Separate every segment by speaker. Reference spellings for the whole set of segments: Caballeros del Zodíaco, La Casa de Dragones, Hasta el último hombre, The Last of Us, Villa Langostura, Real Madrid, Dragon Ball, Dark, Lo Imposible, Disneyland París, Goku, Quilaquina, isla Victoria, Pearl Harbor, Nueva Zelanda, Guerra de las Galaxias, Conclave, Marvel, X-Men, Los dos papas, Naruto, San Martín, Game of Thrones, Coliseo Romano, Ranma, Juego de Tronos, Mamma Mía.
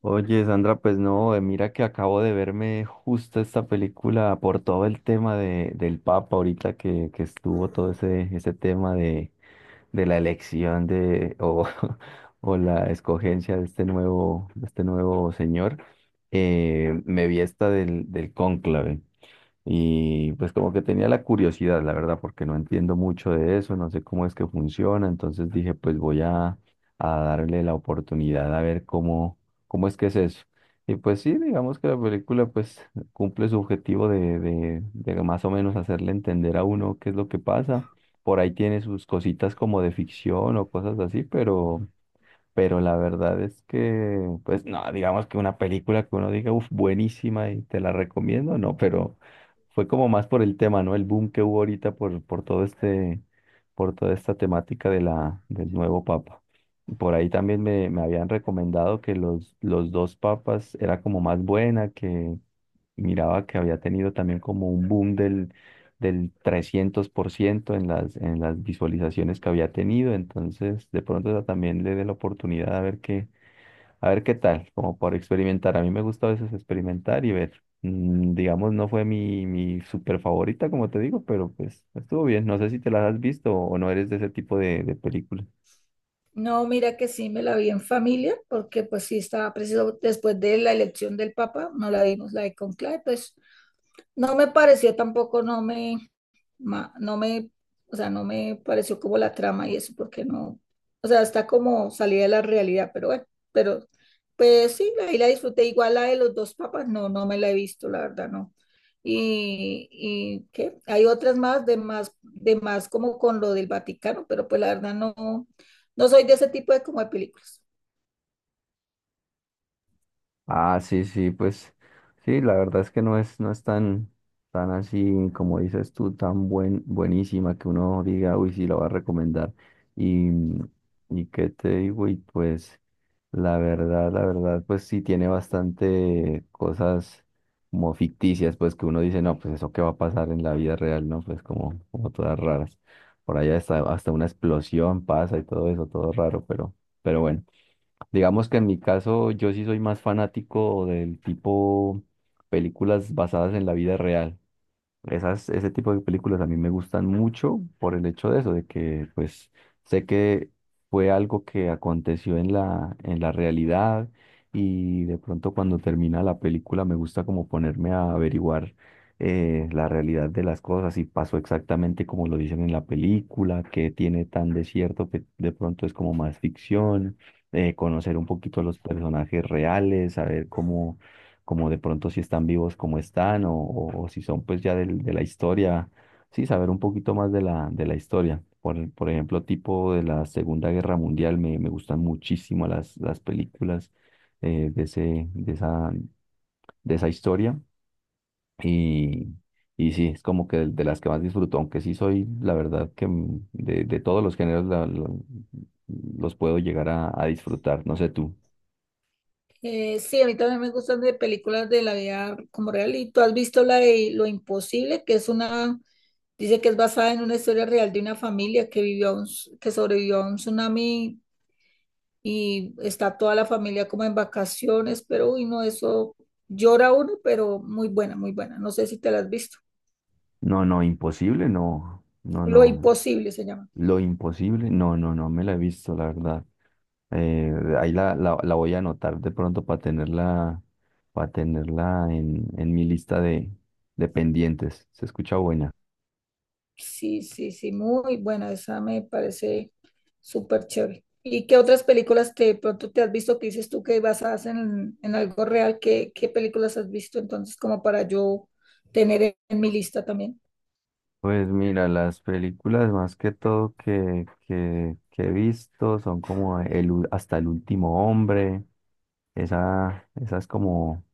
Speaker 1: Oye, Sandra, pues no, mira que acabo de verme justo esta película por todo el tema del Papa ahorita que estuvo todo ese tema de la elección de, o, o la escogencia de este nuevo señor. Me vi esta del cónclave. Y pues como que tenía la curiosidad, la verdad, porque no entiendo mucho de eso, no sé cómo es que funciona, entonces dije, pues a darle la oportunidad a ver cómo es que es eso. Y pues sí, digamos que la película pues cumple su objetivo de más o menos hacerle entender a uno qué es lo que pasa. Por ahí tiene sus cositas como de ficción o cosas así, pero la verdad es que, pues no, digamos que una película que uno diga, uff, buenísima y te la recomiendo, no, pero fue como más por el tema, ¿no? El boom que hubo ahorita por todo este, por toda esta temática de del nuevo papa. Por ahí también me habían recomendado que los dos papas era como más buena, que y miraba que había tenido también como un boom del 300% en en las visualizaciones que había tenido. Entonces, de pronto esa también le dé la oportunidad a ver qué tal, como por experimentar. A mí me gusta a veces experimentar y ver. Digamos, no fue mi súper favorita, como te digo, pero pues estuvo bien. No sé si te las has visto o no eres de ese tipo de películas.
Speaker 2: No, mira que sí me la vi en familia, porque pues sí estaba preciso después de la elección del Papa, no la vimos la de Conclave, pues no me pareció tampoco, no me, ma- no me, o sea, no me pareció como la trama y eso, porque no, o sea, está como salida de la realidad, pero bueno, pero pues sí, ahí la disfruté. Igual la de los dos papas, no, no me la he visto, la verdad, no. Y qué, hay otras más de más como con lo del Vaticano, pero pues la verdad no, no soy de ese tipo de como de películas.
Speaker 1: Ah, sí, sí, pues sí, la verdad es que no es, tan así, como dices tú, tan buen, buenísima que uno diga, uy, sí, la va a recomendar. Y, y qué te digo, y pues la verdad, pues sí tiene bastante cosas como ficticias, pues que uno dice, no, pues eso qué va a pasar en la vida real, ¿no? Pues como, como todas raras. Por allá hasta, hasta una explosión pasa y todo eso, todo raro, pero bueno. Digamos que en mi caso yo sí soy más fanático del tipo películas basadas en la vida real. Esas, ese tipo de películas a mí me gustan mucho por el hecho de eso, de que pues sé que fue algo que aconteció en en la realidad y de pronto cuando termina la película me gusta como ponerme a averiguar la realidad de las cosas, si pasó exactamente como lo dicen en la película, qué tiene tan de cierto que de pronto es como más ficción, conocer un poquito a los personajes reales, saber cómo como de pronto si están vivos como están o si son pues ya del- de la historia, sí, saber un poquito más de de la historia. Por ejemplo, tipo de la Segunda Guerra Mundial, me gustan muchísimo las películas de ese, de esa historia y, y sí, es como que de las que más disfruto, aunque sí soy, la verdad, que de todos los géneros los puedo llegar a disfrutar, no sé tú.
Speaker 2: Sí, a mí también me gustan de películas de la vida como real. ¿Y tú has visto la de Lo Imposible, que es una, dice que es basada en una historia real de una familia que vivió, que sobrevivió a un tsunami y está toda la familia como en vacaciones, pero uy, no, eso llora uno, pero muy buena, muy buena. No sé si te la has visto.
Speaker 1: No, no, imposible, no, no,
Speaker 2: Lo
Speaker 1: no.
Speaker 2: Imposible se llama.
Speaker 1: Lo imposible, no, no, no me la he visto, la verdad. Eh, Ahí la voy a anotar de pronto para tenerla en mi lista de pendientes. ¿Se escucha?
Speaker 2: Sí, sí, sí, muy buena, esa me parece súper chévere. ¿Y qué otras películas te, de pronto te has visto que dices tú que basadas en algo real? Qué, qué películas has visto entonces como para yo tener en mi lista también?
Speaker 1: Pues mira, las películas más que todo que he visto son como el, u- Hasta el último hombre. Esa es como,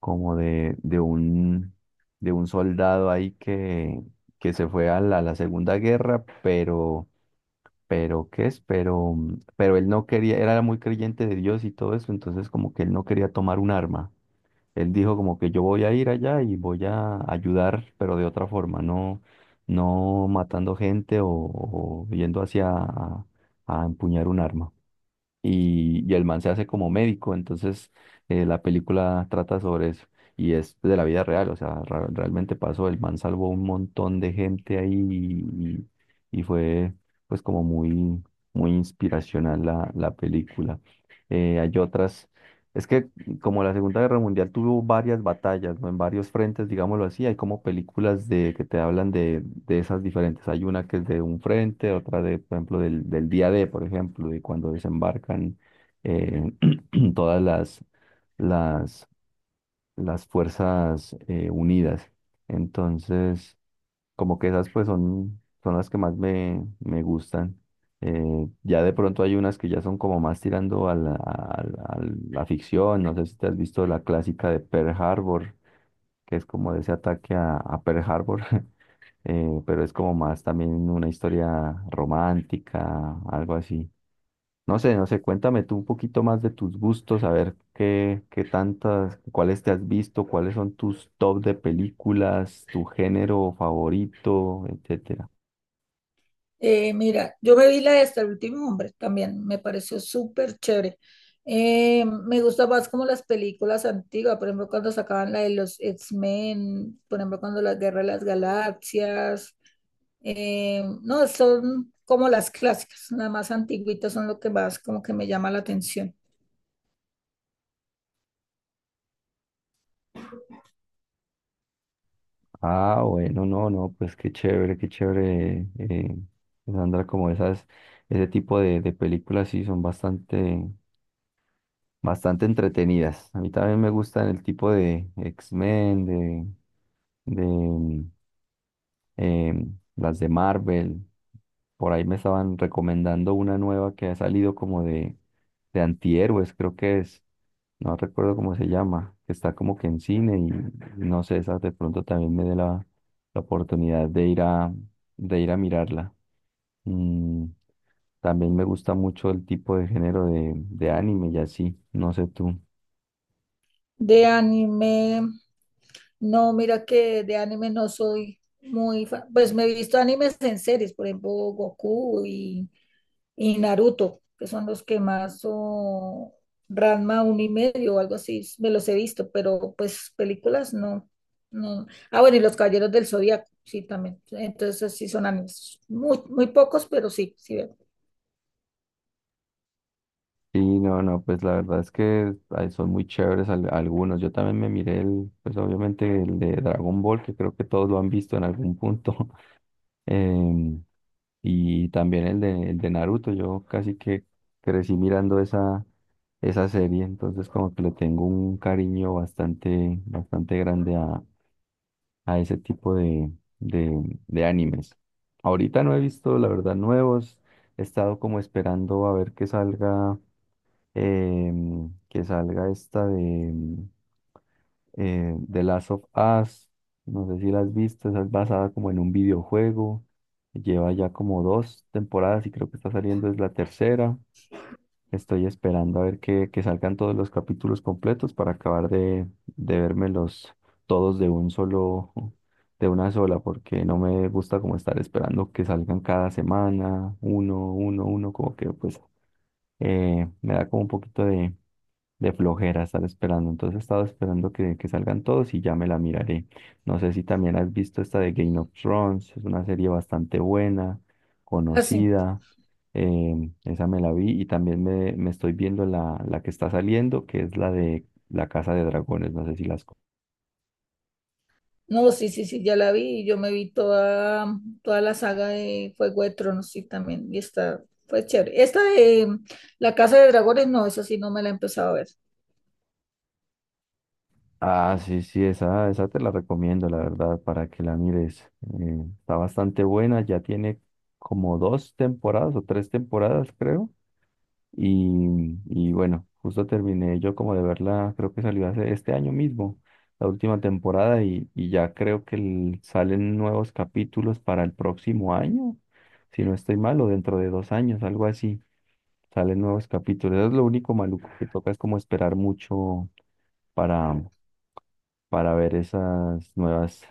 Speaker 1: como de un soldado ahí que se fue a a la Segunda Guerra, pero ¿qué es? Pero, pero él no quería, era muy creyente de Dios y todo eso, entonces como que él no quería tomar un arma. Él dijo como que yo voy a ir allá y voy a ayudar, pero de otra forma, no, no matando gente o yendo hacia a empuñar un arma y el man se hace como médico, entonces la película trata sobre eso y es de la vida real, o sea, ra- realmente pasó, el man salvó un montón de gente ahí y- fue pues como muy, muy inspiracional la película. Hay otras, es que como la Segunda Guerra Mundial tuvo varias batallas, ¿no? En varios frentes, digámoslo así, hay como películas de, que te hablan de esas diferentes. Hay una que es de un frente, otra de, por ejemplo, del día D, por ejemplo, de cuando desembarcan eh, todas las, las fuerzas unidas. Entonces, como que esas pues son, son las que más me, me gustan. Ya de pronto hay unas que ya son como más tirando a la ficción. No sé si te has visto la clásica de Pearl Harbor, que es como de ese ataque a Pearl Harbor, pero es como más también una historia romántica, algo así. No sé, no sé, cuéntame tú un poquito más de tus gustos, a ver qué, qué tantas, cuáles te has visto, cuáles son tus top de películas, tu género favorito, etc.
Speaker 2: Mira, yo me vi la de Hasta el último hombre también, me pareció súper chévere. Me gusta más como las películas antiguas, por ejemplo, cuando sacaban la de los X-Men, por ejemplo, cuando la Guerra de las Galaxias. No, son como las clásicas, las más antiguitas son lo que más como que me llama la atención.
Speaker 1: Ah, bueno, no, no, pues qué chévere, Sandra, como esas, ese tipo de películas sí son bastante, bastante entretenidas. A mí también me gustan el tipo de X-Men, de las de Marvel. Por ahí me estaban recomendando una nueva que ha salido como de antihéroes, creo que es. No recuerdo cómo se llama, que está como que en cine y no sé, esa de pronto también me dé la, la oportunidad de ir a mirarla. Mm, También me gusta mucho el tipo de género de anime y así, no sé tú.
Speaker 2: De anime, no, mira que de anime no soy muy fan. Pues me he visto animes en series, por ejemplo, Goku y Naruto, que son los que más, o Ranma un y medio o algo así, me los he visto, pero pues películas no. No. Ah, bueno, y los Caballeros del Zodíaco, sí, también. Entonces sí son animes. Muy, muy pocos, pero sí, sí veo.
Speaker 1: Sí, no, no, pues la verdad es que ay, son muy chéveres al- algunos. Yo también me miré el, pues obviamente el de Dragon Ball, que creo que todos lo han visto en algún punto. em, y también el de Naruto. Yo casi que crecí mirando esa, esa serie, entonces como que le tengo un cariño bastante, bastante grande a ese tipo de animes. Ahorita no he visto, la verdad, nuevos, he estado como esperando a ver que salga, que salga esta de The Last of Us, no sé si la has visto, esa es basada como en un videojuego, lleva ya como dos temporadas y creo que está saliendo es la tercera. Estoy esperando a ver que salgan todos los capítulos completos para acabar de vérmelos todos de un solo, de una sola, porque no me gusta como estar esperando que salgan cada semana, uno, uno, uno, como que pues me da como un poquito de flojera estar esperando. Entonces he estado esperando que salgan todos y ya me la miraré. No sé si también has visto esta de Game of Thrones, es una serie bastante buena,
Speaker 2: Así.
Speaker 1: conocida. Esa me la vi y también me estoy viendo la que está saliendo, que es la de La Casa de Dragones. No sé si las...
Speaker 2: No, sí, sí, sí, ya la vi. Y yo me vi toda, toda la saga de Juego de Tronos, sí, también. Y esta fue chévere. Esta de La Casa de Dragones, no, esa sí no me la he empezado a ver.
Speaker 1: Ah, sí, sí, esa te la recomiendo, la verdad, para que la mires. Está bastante buena, ya tiene como dos temporadas o tres temporadas, creo. Y bueno, justo terminé yo como de verla, creo que salió hace este año mismo, la última temporada, y ya creo que el- salen nuevos capítulos para el próximo año, si no estoy mal, o dentro de dos años, algo así, salen nuevos capítulos. Eso es lo único maluco que toca, es como esperar mucho para, para ver esas nuevas,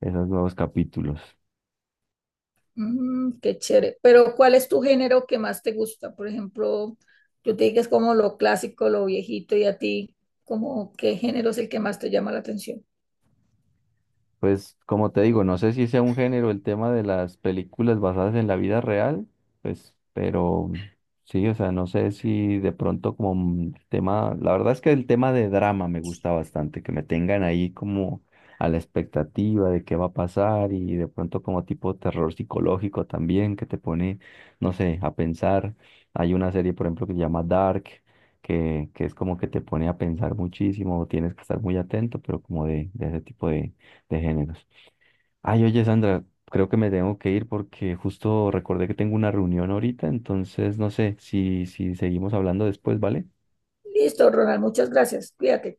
Speaker 1: esos nuevos capítulos.
Speaker 2: Mm, qué chévere. Pero, ¿cuál es tu género que más te gusta? Por ejemplo, yo te dije que es como lo clásico, lo viejito, ¿y a ti, como qué género es el que más te llama la atención?
Speaker 1: Pues como te digo, no sé si sea un género el tema de las películas basadas en la vida real, pues, pero sí, o sea, no sé si de pronto como un tema, la verdad es que el tema de drama me gusta bastante, que me tengan ahí como a la expectativa de qué va a pasar y de pronto como tipo terror psicológico también, que te pone, no sé, a pensar. Hay una serie, por ejemplo, que se llama Dark, que es como que te pone a pensar muchísimo, tienes que estar muy atento, pero como de ese tipo de géneros. Ay, oye, Sandra, creo que me tengo que ir porque justo recordé que tengo una reunión ahorita, entonces no sé si seguimos hablando después, ¿vale?
Speaker 2: Listo, Ronald, muchas gracias. Cuídate.